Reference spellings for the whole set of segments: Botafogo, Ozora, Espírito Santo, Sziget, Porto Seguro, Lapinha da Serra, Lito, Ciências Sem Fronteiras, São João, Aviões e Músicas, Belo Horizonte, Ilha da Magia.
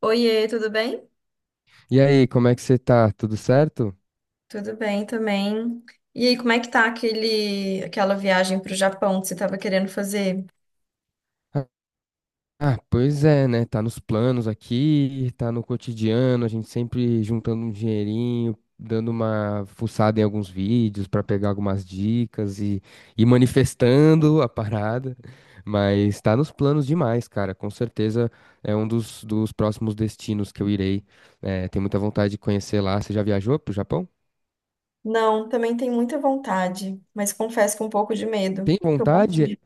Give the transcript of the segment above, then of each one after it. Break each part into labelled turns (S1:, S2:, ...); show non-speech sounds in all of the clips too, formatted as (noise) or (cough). S1: Oiê, tudo bem?
S2: E aí, como é que você tá? Tudo certo?
S1: Tudo bem também. E aí, como é que tá aquela viagem para o Japão que você estava querendo fazer?
S2: Ah, pois é, né? Tá nos planos aqui, tá no cotidiano, a gente sempre juntando um dinheirinho, dando uma fuçada em alguns vídeos pra pegar algumas dicas e manifestando a parada. Mas tá nos planos demais, cara. Com certeza é um dos próximos destinos que eu irei. É, tenho muita vontade de conhecer lá. Você já viajou pro Japão?
S1: Não, também tenho muita vontade, mas confesso que um pouco de medo.
S2: Tem
S1: Que eu morro de
S2: vontade?
S1: medo.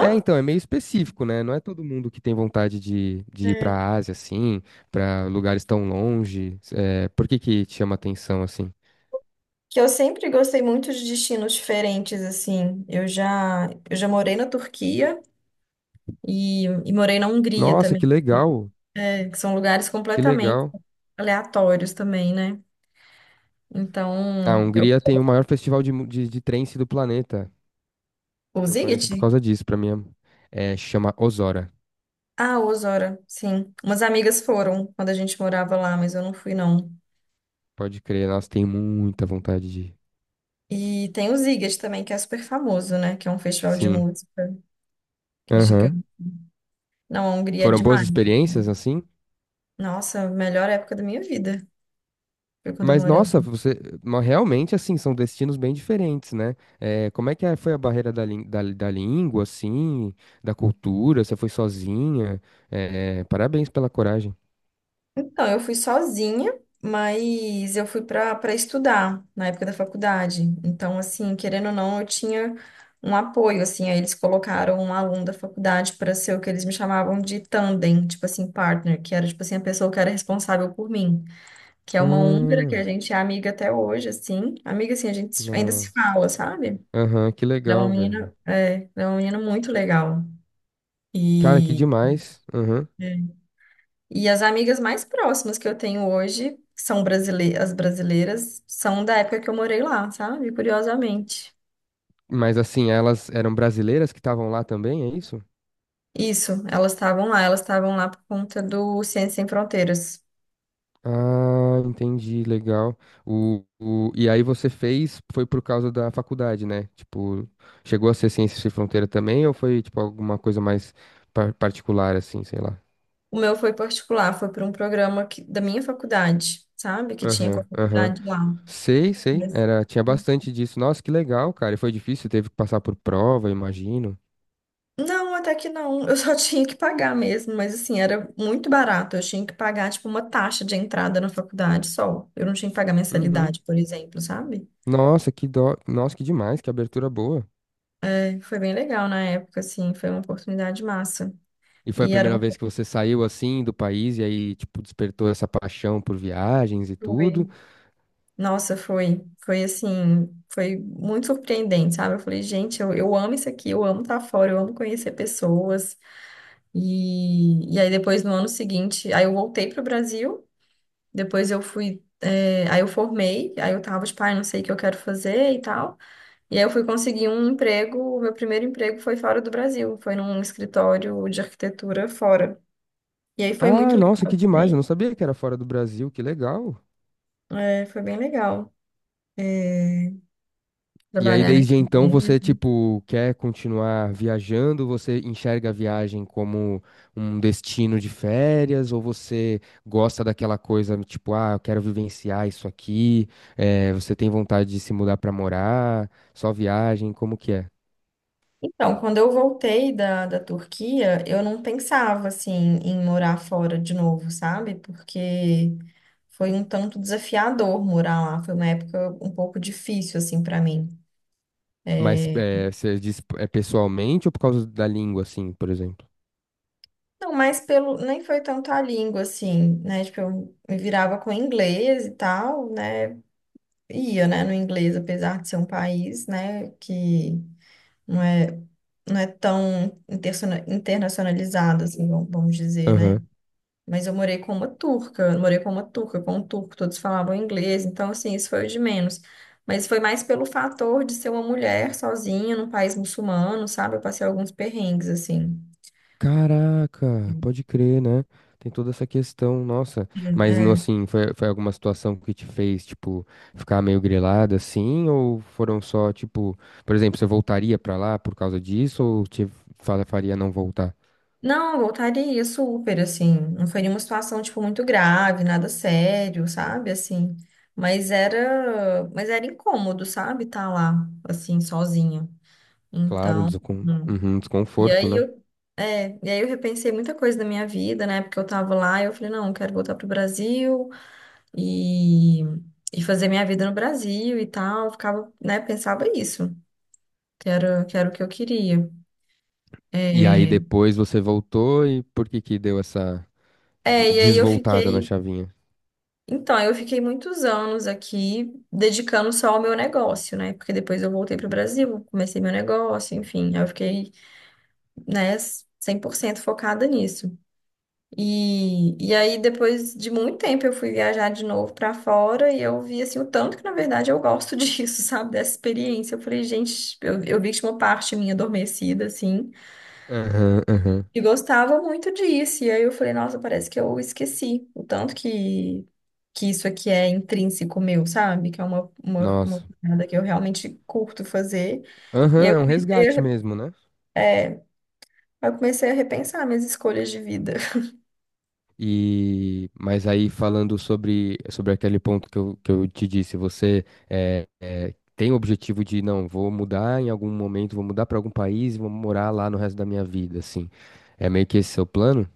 S2: É, então, é meio específico, né? Não é todo mundo que tem vontade de ir pra
S1: É.
S2: Ásia, assim, pra lugares tão longe. É, por que que te chama atenção, assim?
S1: Que eu sempre gostei muito de destinos diferentes, assim. Eu já morei na Turquia e morei na Hungria
S2: Nossa, que
S1: também,
S2: legal,
S1: né? Que são lugares
S2: que
S1: completamente
S2: legal.
S1: aleatórios também, né?
S2: A
S1: Então, eu...
S2: Hungria tem o maior festival de, de trance do planeta.
S1: O
S2: Eu conheço
S1: Ziget?
S2: por causa disso, pra mim é, chama Ozora.
S1: Ah, Osora, sim. Umas amigas foram quando a gente morava lá, mas eu não fui, não.
S2: Pode crer, nossa, tenho muita vontade de ir.
S1: E tem o Sziget também, que é super famoso, né? Que é um festival de
S2: Sim,
S1: música, que é
S2: aham.
S1: gigante. Não, a Hungria é
S2: Foram boas
S1: demais.
S2: experiências, assim?
S1: Nossa, a melhor época da minha vida foi quando eu
S2: Mas
S1: morei.
S2: nossa, você realmente assim são destinos bem diferentes, né? Como é que foi a barreira da, da, da língua, assim, da cultura? Você foi sozinha? Parabéns pela coragem.
S1: Então, eu fui sozinha, mas eu fui para estudar na época da faculdade. Então, assim, querendo ou não, eu tinha um apoio, assim. Aí eles colocaram um aluno da faculdade para ser o que eles me chamavam de tandem, tipo assim, partner, que era, tipo assim, a pessoa que era responsável por mim. Que é uma húngara que
S2: Ah,
S1: a gente é amiga até hoje, assim. Amiga, assim, a gente ainda se
S2: nossa.
S1: fala, sabe?
S2: Aham, que
S1: Ela é uma
S2: legal, velho.
S1: menina, é, ela é uma menina muito legal.
S2: Cara, que
S1: E,
S2: demais. Aham.
S1: É. E as amigas mais próximas que eu tenho hoje são brasileiras, as brasileiras são da época que eu morei lá, sabe? Curiosamente.
S2: Mas assim, elas eram brasileiras que estavam lá também, é isso?
S1: Isso, elas estavam lá por conta do Ciências Sem Fronteiras.
S2: Ah, entendi, legal. E aí você fez, foi por causa da faculdade, né? Tipo, chegou a ser Ciências Sem Fronteira também, ou foi, tipo, alguma coisa mais particular, assim, sei lá?
S1: O meu foi particular, foi por um programa que- da minha faculdade, sabe? Que tinha com a
S2: Aham, aham.
S1: faculdade lá.
S2: Sei, sei. Era, tinha bastante disso. Nossa, que legal, cara. E foi difícil, teve que passar por prova, imagino.
S1: Não, até que não. Eu só (laughs) tinha que pagar mesmo, mas assim, era muito barato. Eu tinha que pagar, tipo, uma taxa de entrada na faculdade só. Eu não tinha que pagar
S2: Uhum.
S1: mensalidade, por exemplo, sabe?
S2: Nossa, que dó. Nossa, que demais, que abertura boa.
S1: É, foi bem legal na época, assim, foi uma oportunidade massa.
S2: E foi a
S1: E era
S2: primeira
S1: uma...
S2: vez que você saiu assim do país e aí, tipo, despertou essa paixão por viagens e tudo.
S1: Foi. Nossa, foi. Foi assim, foi muito surpreendente, sabe? Eu falei, gente, eu amo isso aqui, eu amo estar fora, eu amo conhecer pessoas. E aí depois, no ano seguinte, aí eu voltei para o Brasil. Depois eu fui. É, aí eu formei, aí eu tava, tipo, ai, não sei o que eu quero fazer e tal. E aí eu fui conseguir um emprego. O meu primeiro emprego foi fora do Brasil, foi num escritório de arquitetura fora. E aí foi
S2: Ah,
S1: muito
S2: nossa,
S1: legal
S2: que demais. Eu
S1: também.
S2: não sabia que era fora do Brasil. Que legal.
S1: É, foi bem legal. É,
S2: E aí,
S1: trabalhar nessa
S2: desde então,
S1: empresa.
S2: você, tipo, quer continuar viajando? Você enxerga a viagem como um destino de férias? Ou você gosta daquela coisa, tipo, ah, eu quero vivenciar isso aqui? Eh, você tem vontade de se mudar pra morar? Só viagem? Como que é?
S1: Então, quando eu voltei da Turquia, eu não pensava, assim, em morar fora de novo, sabe? Porque foi um tanto desafiador morar lá. Foi uma época um pouco difícil, assim, para mim.
S2: Mas
S1: É,
S2: você diz é pessoalmente ou por causa da língua, assim, por exemplo?
S1: não, mas pelo, nem foi tanto a língua, assim, né? Tipo, eu me virava com inglês e tal, né? Ia, né, no inglês, apesar de ser um país, né, que não é, não é tão internacionalizado, assim, vamos dizer, né? Mas eu morei com uma turca, com um turco, todos falavam inglês, então, assim, isso foi o de menos. Mas foi mais pelo fator de ser uma mulher sozinha num país muçulmano, sabe? Eu passei alguns perrengues, assim.
S2: Caraca, pode crer, né? Tem toda essa questão, nossa. Mas no
S1: É.
S2: assim, foi alguma situação que te fez, tipo, ficar meio grilada assim? Ou foram só, tipo, por exemplo, você voltaria pra lá por causa disso? Ou te faria não voltar?
S1: Não, eu voltaria super, assim. Não foi nenhuma situação, tipo, muito grave, nada sério, sabe? Assim. Mas era incômodo, sabe? Tá lá, assim, sozinha.
S2: Claro, um
S1: Então, hum.
S2: uhum,
S1: e
S2: desconforto,
S1: aí
S2: né?
S1: eu, é, e aí eu repensei muita coisa da minha vida, né? Porque eu tava lá e eu falei, não, eu quero voltar pro Brasil e, e fazer minha vida no Brasil e tal. Eu ficava, né? Pensava isso, que era o que eu queria.
S2: E aí
S1: É,
S2: depois você voltou e por que que deu essa
S1: é, e aí eu
S2: desvoltada na
S1: fiquei.
S2: chavinha?
S1: Então, eu fiquei muitos anos aqui dedicando só ao meu negócio, né? Porque depois eu voltei para o Brasil, comecei meu negócio, enfim, aí eu fiquei, né, 100% focada nisso. E aí, depois de muito tempo, eu fui viajar de novo para fora e eu vi, assim, o tanto que, na verdade, eu gosto (laughs) disso, sabe? Dessa experiência. Eu falei, gente, eu vi que tinha uma parte minha adormecida, assim.
S2: Aham, aham.
S1: E gostava muito disso. E aí eu falei, nossa, parece que eu esqueci o tanto que isso aqui é intrínseco meu, sabe? Que é uma
S2: Nossa.
S1: parada que eu realmente curto fazer. E
S2: Aham,
S1: aí
S2: é um resgate mesmo, né?
S1: eu comecei a repensar minhas escolhas de vida.
S2: E, mas aí falando sobre, sobre aquele ponto que que eu te disse, você tem o objetivo de, não, vou mudar em algum momento, vou mudar para algum país e vou morar lá no resto da minha vida, assim. É meio que esse seu plano?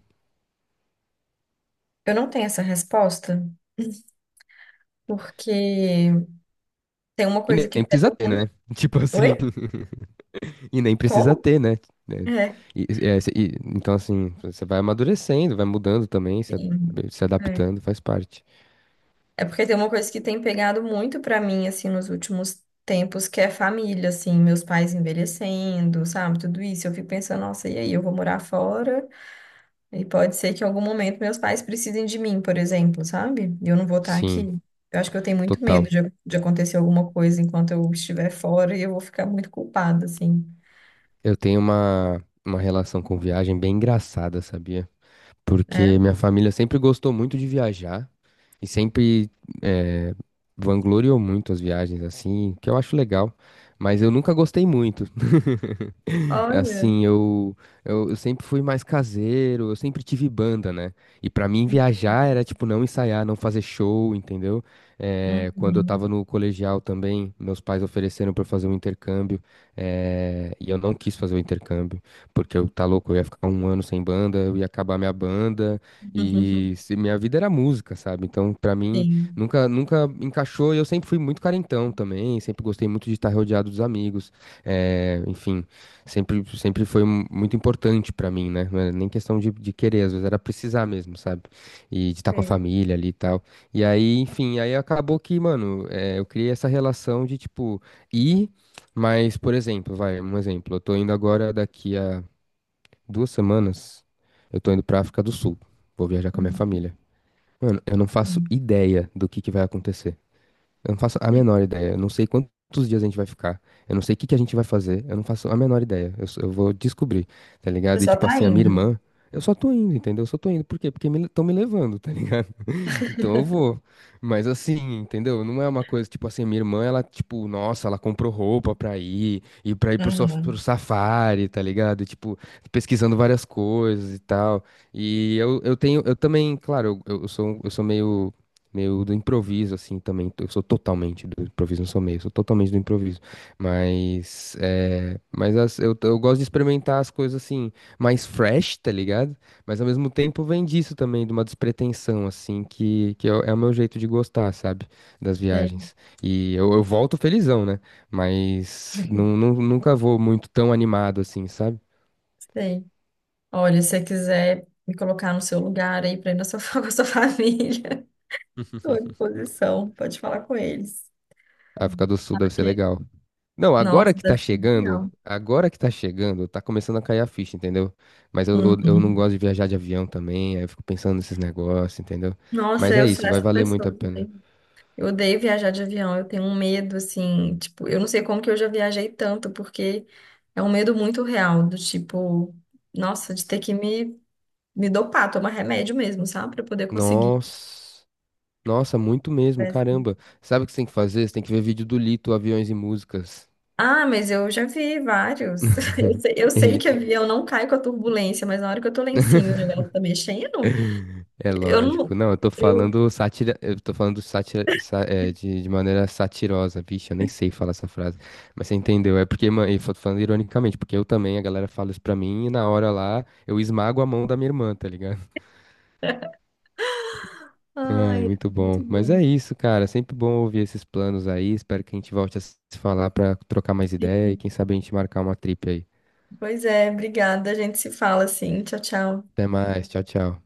S1: Eu não tenho essa resposta, porque tem uma
S2: E
S1: coisa que
S2: nem
S1: pega
S2: precisa ter,
S1: muito.
S2: né? (laughs) Tipo assim,
S1: Oi?
S2: (laughs) e nem precisa
S1: Como?
S2: ter, né? Né?
S1: É,
S2: É, então, assim, você vai amadurecendo, vai mudando também, se,
S1: sim.
S2: se
S1: É.
S2: adaptando, faz parte.
S1: É porque tem uma coisa que tem pegado muito pra mim, assim, nos últimos tempos, que é família, assim, meus pais envelhecendo, sabe, tudo isso. Eu fico pensando, nossa, e aí, eu vou morar fora? E pode ser que em algum momento meus pais precisem de mim, por exemplo, sabe? E eu não vou estar
S2: Sim,
S1: aqui. Eu acho que eu tenho muito medo
S2: total.
S1: de acontecer alguma coisa enquanto eu estiver fora e eu vou ficar muito culpada, assim,
S2: Eu tenho uma relação com viagem bem engraçada, sabia? Porque
S1: né?
S2: minha família sempre gostou muito de viajar e sempre eh, vangloriou muito as viagens assim, que eu acho legal, mas eu nunca gostei muito. (laughs)
S1: Olha.
S2: Assim, eu sempre fui mais caseiro, eu sempre tive banda, né? E pra mim viajar era tipo não ensaiar, não fazer show, entendeu? Quando eu
S1: Uhum.
S2: tava no colegial também, meus pais ofereceram pra eu fazer um intercâmbio, e eu não quis fazer o intercâmbio, porque eu tá louco, eu ia ficar um ano sem banda, eu ia acabar minha banda, e
S1: (laughs)
S2: minha vida era música, sabe? Então, pra mim,
S1: Sim.
S2: nunca encaixou, e eu sempre fui muito carentão também, sempre gostei muito de estar rodeado dos amigos. É, enfim, sempre, sempre foi muito importante pra mim, né? Não era nem questão de querer, às vezes era precisar mesmo, sabe? E de estar com a
S1: Sim.
S2: família ali e tal. E aí, enfim, aí acabou que, mano, eu criei essa relação de, tipo, ir, mas, por exemplo, vai, um exemplo, eu tô indo agora daqui a duas semanas, eu tô indo pra África do Sul, vou viajar com a minha família. Mano, eu não faço
S1: Sim.
S2: ideia do que vai acontecer. Eu não faço a menor ideia. Eu não sei quantos dias a gente vai ficar. Eu não sei o que que a gente vai fazer. Eu não faço a menor ideia. Eu, eu vou descobrir, tá
S1: Você
S2: ligado? E
S1: só
S2: tipo
S1: tá
S2: assim, a minha
S1: indo.
S2: irmã, eu só tô indo, entendeu? Eu só tô indo. Por quê? Porque estão tão me levando, tá então eu vou. Mas assim, entendeu? Não é uma coisa, tipo assim, minha irmã, ela, tipo, nossa, ela comprou roupa pra ir, e pra ir pro, pro
S1: Uhum.
S2: safari, tá ligado? E, tipo, pesquisando várias coisas e tal. E eu tenho, eu também, claro, eu sou, um, eu sou meio, meio do improviso, assim, também. Eu sou totalmente do improviso, não sou meio, eu sou totalmente do improviso. Mas, é, mas eu gosto de experimentar as coisas, assim, mais fresh, tá ligado? Mas ao mesmo tempo vem disso também, de uma despretensão, assim, que é, o é o meu jeito de gostar, sabe? Das
S1: Sei,
S2: viagens. E eu volto felizão, né? Mas não, nunca vou muito tão animado assim, sabe?
S1: sei. Olha, se você quiser me colocar no seu lugar aí para ir na sua, (laughs) com a sua família, estou à
S2: (laughs)
S1: disposição. Pode falar com eles.
S2: A África do Sul deve ser
S1: Porque,
S2: legal. Não,
S1: nossa,
S2: agora que tá
S1: deve ser
S2: chegando,
S1: legal.
S2: agora que tá chegando, tá começando a cair a ficha, entendeu? Mas eu não
S1: Uhum.
S2: gosto de viajar de avião também, aí eu fico pensando nesses negócios, entendeu?
S1: Nossa,
S2: Mas é
S1: eu sou
S2: isso, vai
S1: essa
S2: valer muito
S1: pessoa
S2: a pena.
S1: também. Eu odeio viajar de avião. Eu tenho um medo, assim, tipo, eu não sei como que eu já viajei tanto, porque é um medo muito real, do tipo, nossa, de ter que me dopar, tomar remédio mesmo, sabe? Para poder conseguir.
S2: Nossa. Nossa, muito mesmo,
S1: Né?
S2: caramba. Sabe o que você tem que fazer? Você tem que ver vídeo do Lito, Aviões e Músicas.
S1: Ah, mas eu já vi vários. (laughs)
S2: (laughs)
S1: Eu sei
S2: Ele.
S1: que avião não cai com a turbulência, mas na hora que eu tô lá em cima e o
S2: (laughs)
S1: negócio tá mexendo,
S2: É
S1: eu
S2: lógico.
S1: não.
S2: Não, eu tô
S1: Eu...
S2: falando sátira, eu tô falando sátira, é, de maneira satirosa, vixe, eu nem sei falar essa frase. Mas você entendeu? É porque, mano, eu tô falando ironicamente, porque eu também, a galera fala isso pra mim e na hora lá eu esmago a mão da minha irmã, tá ligado? (laughs)
S1: Ah,
S2: Ai, muito bom.
S1: muito
S2: Mas
S1: bom.
S2: é isso, cara. Sempre bom ouvir esses planos aí. Espero que a gente volte a se falar pra trocar mais ideia e
S1: Sim.
S2: quem sabe a gente marcar uma trip aí.
S1: Pois é, obrigada. A gente se fala assim. Tchau, tchau.
S2: Até mais. Tchau, tchau.